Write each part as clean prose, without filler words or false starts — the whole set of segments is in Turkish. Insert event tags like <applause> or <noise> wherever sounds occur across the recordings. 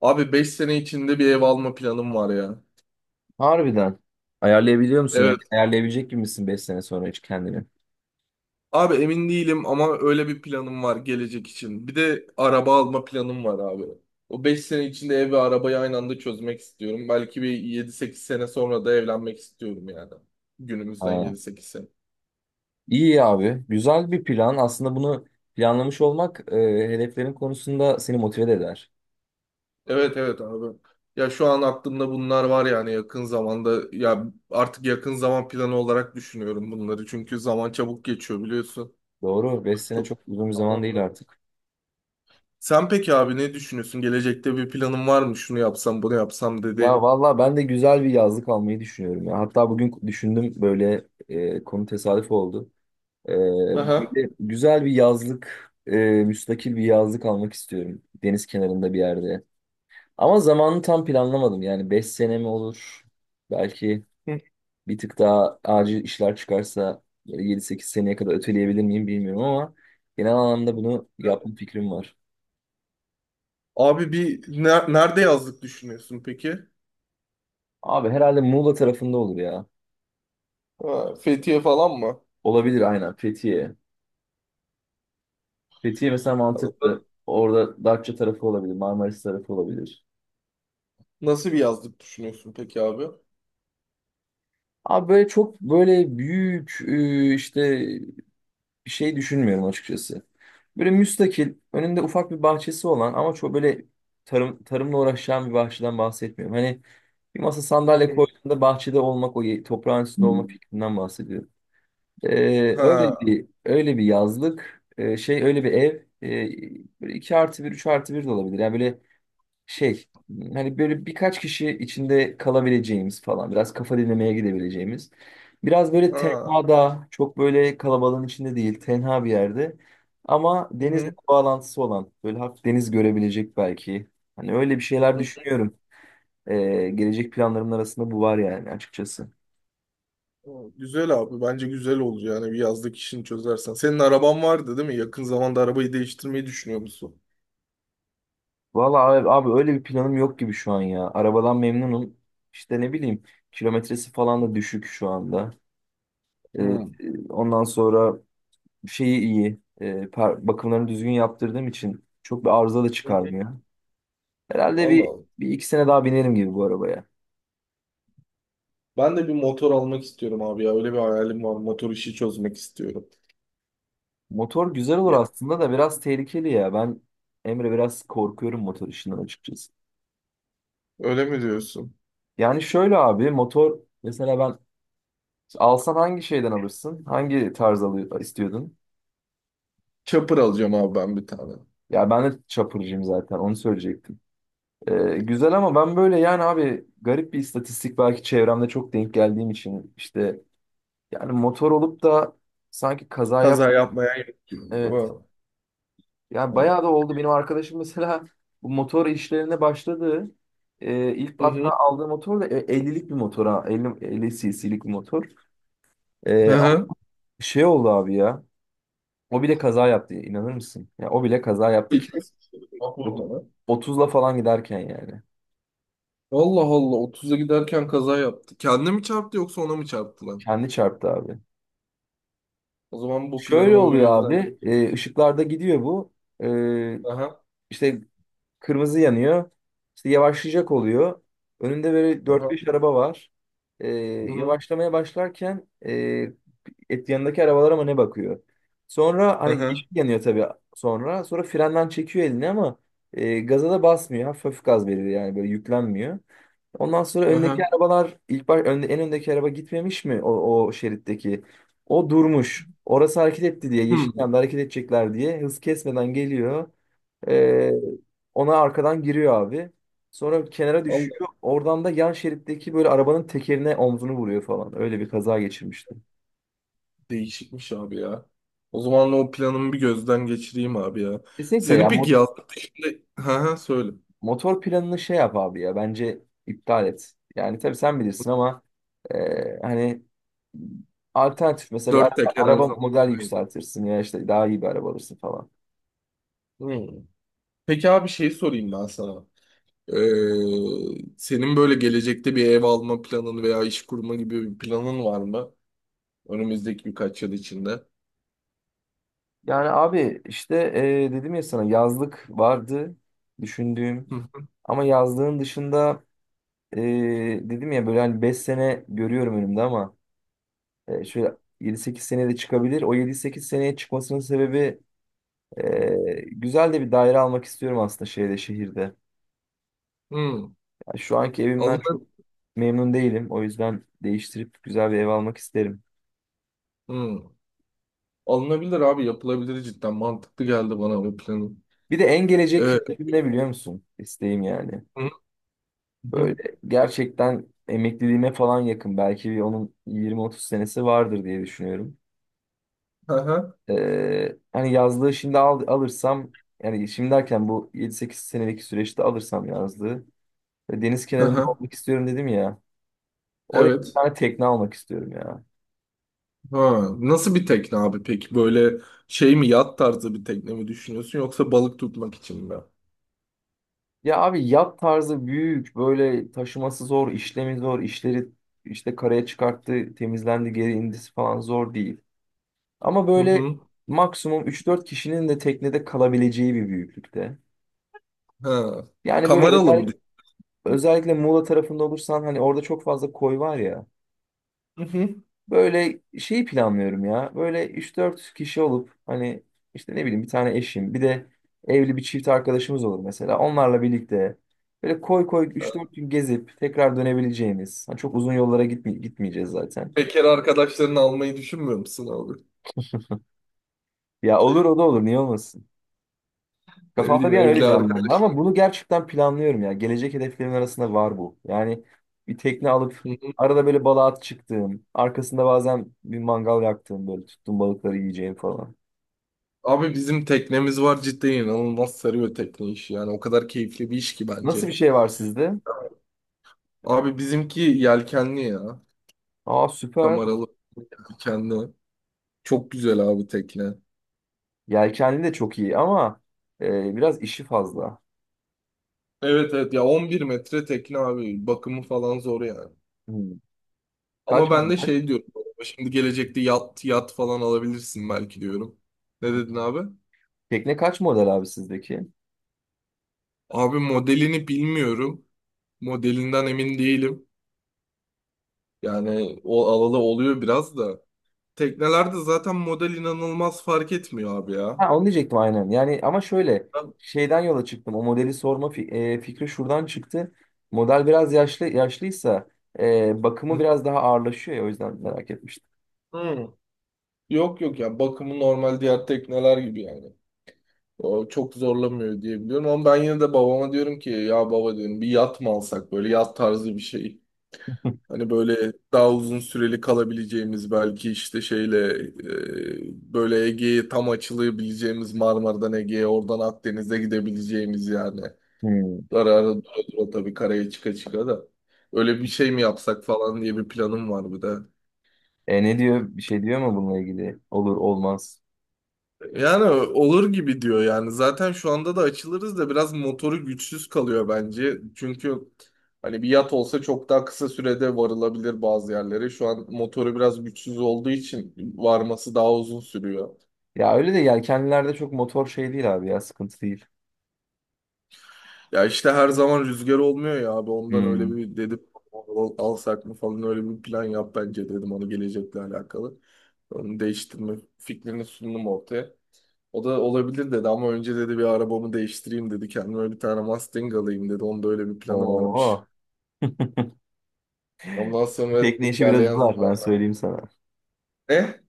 Abi 5 sene içinde bir ev alma planım var ya. Harbiden. Ayarlayabiliyor musun? Yani Evet. ayarlayabilecek gibi misin 5 sene sonra hiç kendini? Abi emin değilim ama öyle bir planım var gelecek için. Bir de araba alma planım var abi. O 5 sene içinde ev ve arabayı aynı anda çözmek istiyorum. Belki bir 7-8 sene sonra da evlenmek istiyorum yani. Günümüzden Ha. 7-8 sene. İyi abi. Güzel bir plan. Aslında bunu planlamış olmak hedeflerin konusunda seni motive de eder. Evet, evet abi. Ya şu an aklımda bunlar var yani yakın zamanda. Ya artık yakın zaman planı olarak düşünüyorum bunları. Çünkü zaman çabuk geçiyor biliyorsun. Doğru. Beş sene çok uzun bir zaman değil Çok. artık. Sen peki abi ne düşünüyorsun? Gelecekte bir planın var mı? Şunu yapsam, bunu yapsam Ya dediğin. valla ben de güzel bir yazlık almayı düşünüyorum ya. Hatta bugün düşündüm böyle, konu tesadüf oldu. E, Aha. Böyle güzel bir yazlık, müstakil bir yazlık almak istiyorum. Deniz kenarında bir yerde. Ama zamanını tam planlamadım. Yani 5 sene mi olur? Belki Hı. bir tık daha acil işler çıkarsa yedi sekiz seneye kadar öteleyebilir miyim bilmiyorum ama genel anlamda bunu yapma fikrim var. Abi bir nerede yazlık düşünüyorsun peki? Abi herhalde Muğla tarafında olur ya. Ha, Fethiye falan mı? Olabilir aynen Fethiye. Fethiye mesela mantıklı. Orada Datça tarafı olabilir, Marmaris tarafı olabilir. Nasıl bir yazlık düşünüyorsun peki abi? Abi böyle çok böyle büyük, bir şey düşünmüyorum açıkçası. Böyle müstakil, önünde ufak bir bahçesi olan ama çok böyle tarımla uğraşan bir bahçeden bahsetmiyorum. Hani bir masa Hı sandalye hı. koyduğunda bahçede olmak, o toprağın üstünde olma fikrinden bahsediyorum. Öyle Ha, bir öyle bir yazlık, öyle bir ev, böyle 2 artı bir 3 artı bir de olabilir. Yani böyle şey hani böyle birkaç kişi içinde kalabileceğimiz falan biraz kafa dinlemeye gidebileceğimiz. Biraz böyle ha. tenhada, çok böyle kalabalığın içinde değil, tenha bir yerde ama Hı denizle hı. bir bağlantısı olan, böyle hafif deniz görebilecek belki. Hani öyle bir şeyler Hı. düşünüyorum. Gelecek planlarımın arasında bu var yani açıkçası. Güzel abi. Bence güzel olur yani bir yazlık işini çözersen. Senin araban vardı değil mi? Yakın zamanda arabayı değiştirmeyi düşünüyor musun? Valla abi, abi öyle bir planım yok gibi şu an ya. Arabadan memnunum. İşte ne bileyim kilometresi falan da düşük şu anda. Ee, Hmm. ondan sonra şeyi iyi. Bakımlarını düzgün yaptırdığım için çok bir arıza da çıkarmıyor. Herhalde Allah bir, Allah. bir iki sene daha binerim gibi bu arabaya. Ben de bir motor almak istiyorum abi ya. Öyle bir hayalim var. Motor işi çözmek istiyorum. Motor güzel olur Ya, aslında da biraz tehlikeli ya. Ben Emre biraz korkuyorum motor işinden açıkçası. öyle mi diyorsun? Yani şöyle abi motor mesela ben alsan hangi şeyden alırsın? Hangi tarz alıyor, istiyordun? Chopper alacağım abi ben bir tane. Ya ben de çapırcıyım zaten onu söyleyecektim. Güzel ama ben böyle yani abi garip bir istatistik, belki çevremde çok denk geldiğim için işte, yani motor olup da sanki kaza yap. Kaza yapmaya gerek Evet. yok. Yani Ha. bayağı da oldu. Benim arkadaşım mesela <laughs> bu motor işlerine başladı. İlk Hı hatta hı. aldığı motor da, 50'lik bir motor ha. 50, 50 cc'lik bir motor. Hı Ama hı. şey oldu abi ya. O bile kaza yaptı. İnanır mısın? Ya o bile kaza yaptı ki İlk Bak ot- burada. 30'la falan giderken yani. Allah Allah, 30'a giderken kaza yaptı. Kendine mi çarptı yoksa ona mı çarptı lan? Kendi çarptı abi. O zaman bu Şöyle planımı bir oluyor gözden. abi. Işıklarda gidiyor bu. E, Aha. işte Kırmızı yanıyor. İşte yavaşlayacak oluyor. Önünde böyle dört Aha. beş araba var. Ee, Hı hı. yavaşlamaya başlarken e, et yanındaki arabalara mı ne bakıyor? Sonra hani yeşil Aha. yanıyor tabii sonra. Sonra frenden çekiyor elini ama gaza da basmıyor. Hafif hafif gaz veriyor yani böyle yüklenmiyor. Ondan sonra öndeki Aha. arabalar en öndeki araba gitmemiş mi o, o şeritteki? O durmuş. Orası hareket etti diye, yeşil Hmm. yanda hareket edecekler diye hız kesmeden geliyor. Ee, ona arkadan giriyor abi. Sonra kenara Vallahi düşüyor. Oradan da yan şeritteki böyle arabanın tekerine omzunu vuruyor falan. Öyle bir kaza geçirmişti. değişikmiş abi ya. O zaman o planımı bir gözden geçireyim abi ya. Kesinlikle Senin ya peki yastık şimdi. Hı, söyle. motor planını şey yap abi ya, bence iptal et. Yani tabii sen bilirsin ama hani alternatif mesela bir Dört araba, teker her araba zaman. model yükseltirsin ya, işte daha iyi bir araba alırsın falan. Hı. Peki abi şey sorayım ben sana. Ee, Senin böyle gelecekte bir ev alma planın veya iş kurma gibi bir planın var mı? Önümüzdeki birkaç yıl içinde. Yani abi işte, dedim ya sana yazlık vardı düşündüğüm, Hı. ama yazlığın dışında e, dedim ya böyle hani 5 sene görüyorum önümde ama, şöyle yedi sekiz seneye de çıkabilir. O yedi sekiz seneye çıkmasının sebebi, güzel de bir daire almak istiyorum aslında şeyde şehirde. Hı. Ya şu anki evimden Alına- çok memnun değilim. O yüzden değiştirip güzel bir ev almak isterim. Hı. Alınabilir abi, yapılabilir, cidden mantıklı geldi bana bu planın. Bir de en gelecek Ee, hedefim ne biliyor musun? İsteğim yani. hı. Hı. Böyle gerçekten emekliliğime falan yakın. Belki bir onun yirmi otuz senesi vardır diye düşünüyorum. Hı hı. Hani yazlığı alırsam, yani şimdi derken bu yedi sekiz senelik süreçte alırsam yazlığı, ve deniz Hı kenarında hı. olmak istiyorum dedim ya. Oraya bir Evet. tane tekne almak istiyorum ya. Ha. Nasıl bir tekne abi peki? Böyle şey mi, yat tarzı bir tekne mi düşünüyorsun, yoksa balık tutmak için mi? Ya abi yat tarzı büyük, böyle taşıması zor, işlemi zor, işleri işte karaya çıkarttı, temizlendi, geri indisi falan zor değil. Ama Hı böyle hı. maksimum üç dört kişinin de teknede kalabileceği bir büyüklükte. Ha. Yani böyle Kameralı özel, mı? Özellikle Muğla tarafında olursan hani orada çok fazla koy var ya. Hı hı. Böyle şeyi planlıyorum ya. Böyle üç dört kişi olup hani işte ne bileyim bir tane eşim bir de evli bir çift arkadaşımız olur mesela. Onlarla birlikte böyle koy koy üç dört gün gezip tekrar dönebileceğimiz. Hani çok uzun yollara gitmeyeceğiz zaten. Bekar arkadaşlarını almayı düşünmüyor musun abi? Ya olur, o da olur niye olmasın. Ne Kafamda bileyim, bir an öyle evli canlandı arkadaşlar. ama bunu gerçekten planlıyorum ya. Gelecek hedeflerimin arasında var bu. Yani bir tekne alıp Hı hı. arada böyle balığa at çıktığım, arkasında bazen bir mangal yaktığım, böyle tuttuğum balıkları yiyeceğim falan. Abi, bizim teknemiz var, cidden inanılmaz sarıyor tekne işi, yani o kadar keyifli bir iş ki Nasıl bence. bir şey var sizde? Abi bizimki yelkenli ya. Aa, süper. Kameralı yelkenli. Çok güzel abi tekne. Yelkenli de çok iyi ama biraz işi fazla. Evet, evet ya, 11 metre tekne abi, bakımı falan zor yani. Hmm. Ama Kaç ben de model? şey diyorum, şimdi gelecekte yat yat falan alabilirsin belki diyorum. Ne dedin abi? Tekne kaç model abi sizdeki? Abi, modelini bilmiyorum. Modelinden emin değilim. Yani o alalı oluyor biraz da. Teknelerde zaten model inanılmaz fark etmiyor abi ya. Ha, onu diyecektim aynen. Yani ama şöyle Ben- şeyden yola çıktım. O modeli sorma fikri şuradan çıktı. Model biraz yaşlıysa, bakımı Hı. biraz daha ağırlaşıyor ya, o yüzden merak etmiştim. Hı. Yok, yok ya, bakımı normal diğer tekneler gibi yani. O çok zorlamıyor diye biliyorum, ama ben yine de babama diyorum ki ya, baba diyorum bir yat mı alsak, böyle yat tarzı bir şey. <laughs> Hani böyle daha uzun süreli kalabileceğimiz, belki işte şeyle böyle Ege'ye tam açılabileceğimiz, Marmara'dan Ege'ye, oradan Akdeniz'e gidebileceğimiz yani. Hmm. Ara ara dura dura tabii karaya çıka çıka da. Öyle bir şey mi yapsak falan diye bir planım var bir de. E ne diyor? Bir şey diyor mu bununla ilgili? Olur olmaz. Yani olur gibi diyor yani. Zaten şu anda da açılırız da biraz motoru güçsüz kalıyor bence. Çünkü hani bir yat olsa çok daha kısa sürede varılabilir bazı yerlere. Şu an motoru biraz güçsüz olduğu için varması daha uzun sürüyor. Ya öyle de yelkenlilerde çok motor şey değil abi ya, sıkıntı değil. Ya işte her zaman rüzgar olmuyor ya abi, ondan öyle Hmm. bir dedim alsak mı falan, öyle bir plan yap bence dedim onu, gelecekle alakalı. Onu değiştirme fikrini sundum ortaya. O da olabilir dedi, ama önce dedi bir arabamı değiştireyim dedi. Kendime bir tane Mustang alayım dedi. Onda öyle bir planı Oo. varmış. Ondan sonra dedi, Tekne işi biraz ilerleyen uzar ben zaman söyleyeyim sana. ne?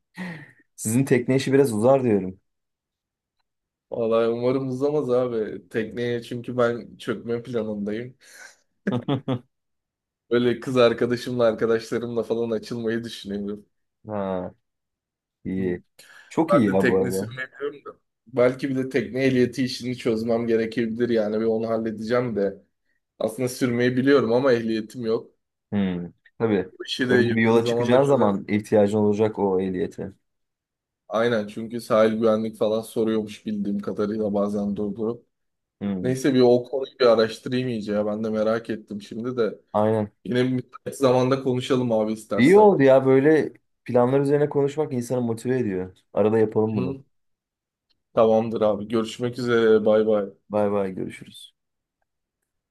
Sizin tekne işi biraz uzar diyorum. Vallahi umarım uzamaz abi. Tekneye çünkü ben çökme planındayım. <laughs> Böyle kız arkadaşımla, arkadaşlarımla falan açılmayı düşünüyorum. Ha, iyi. Çok iyi Ben de ya bu tekne arada. sürmeyemiyorum da. Belki bir de tekne ehliyeti işini çözmem gerekebilir yani, bir onu halledeceğim de. Aslında sürmeyi biliyorum ama ehliyetim yok. Hmm. Tabii. Bu işi de Öyle bir yakın yola zamanda çıkacağın çözer. zaman ihtiyacın olacak o ehliyete. Aynen, çünkü sahil güvenlik falan soruyormuş bildiğim kadarıyla bazen durdurup. Hmm. Neyse, bir o konuyu bir araştırayım iyice ya, ben de merak ettim şimdi de. Aynen. Yine bir müsait zamanda konuşalım abi İyi istersen. oldu ya böyle planlar üzerine konuşmak insanı motive ediyor. Arada yapalım bunu. Hı. Tamamdır abi, görüşmek üzere, bay bay. Bay bay, görüşürüz.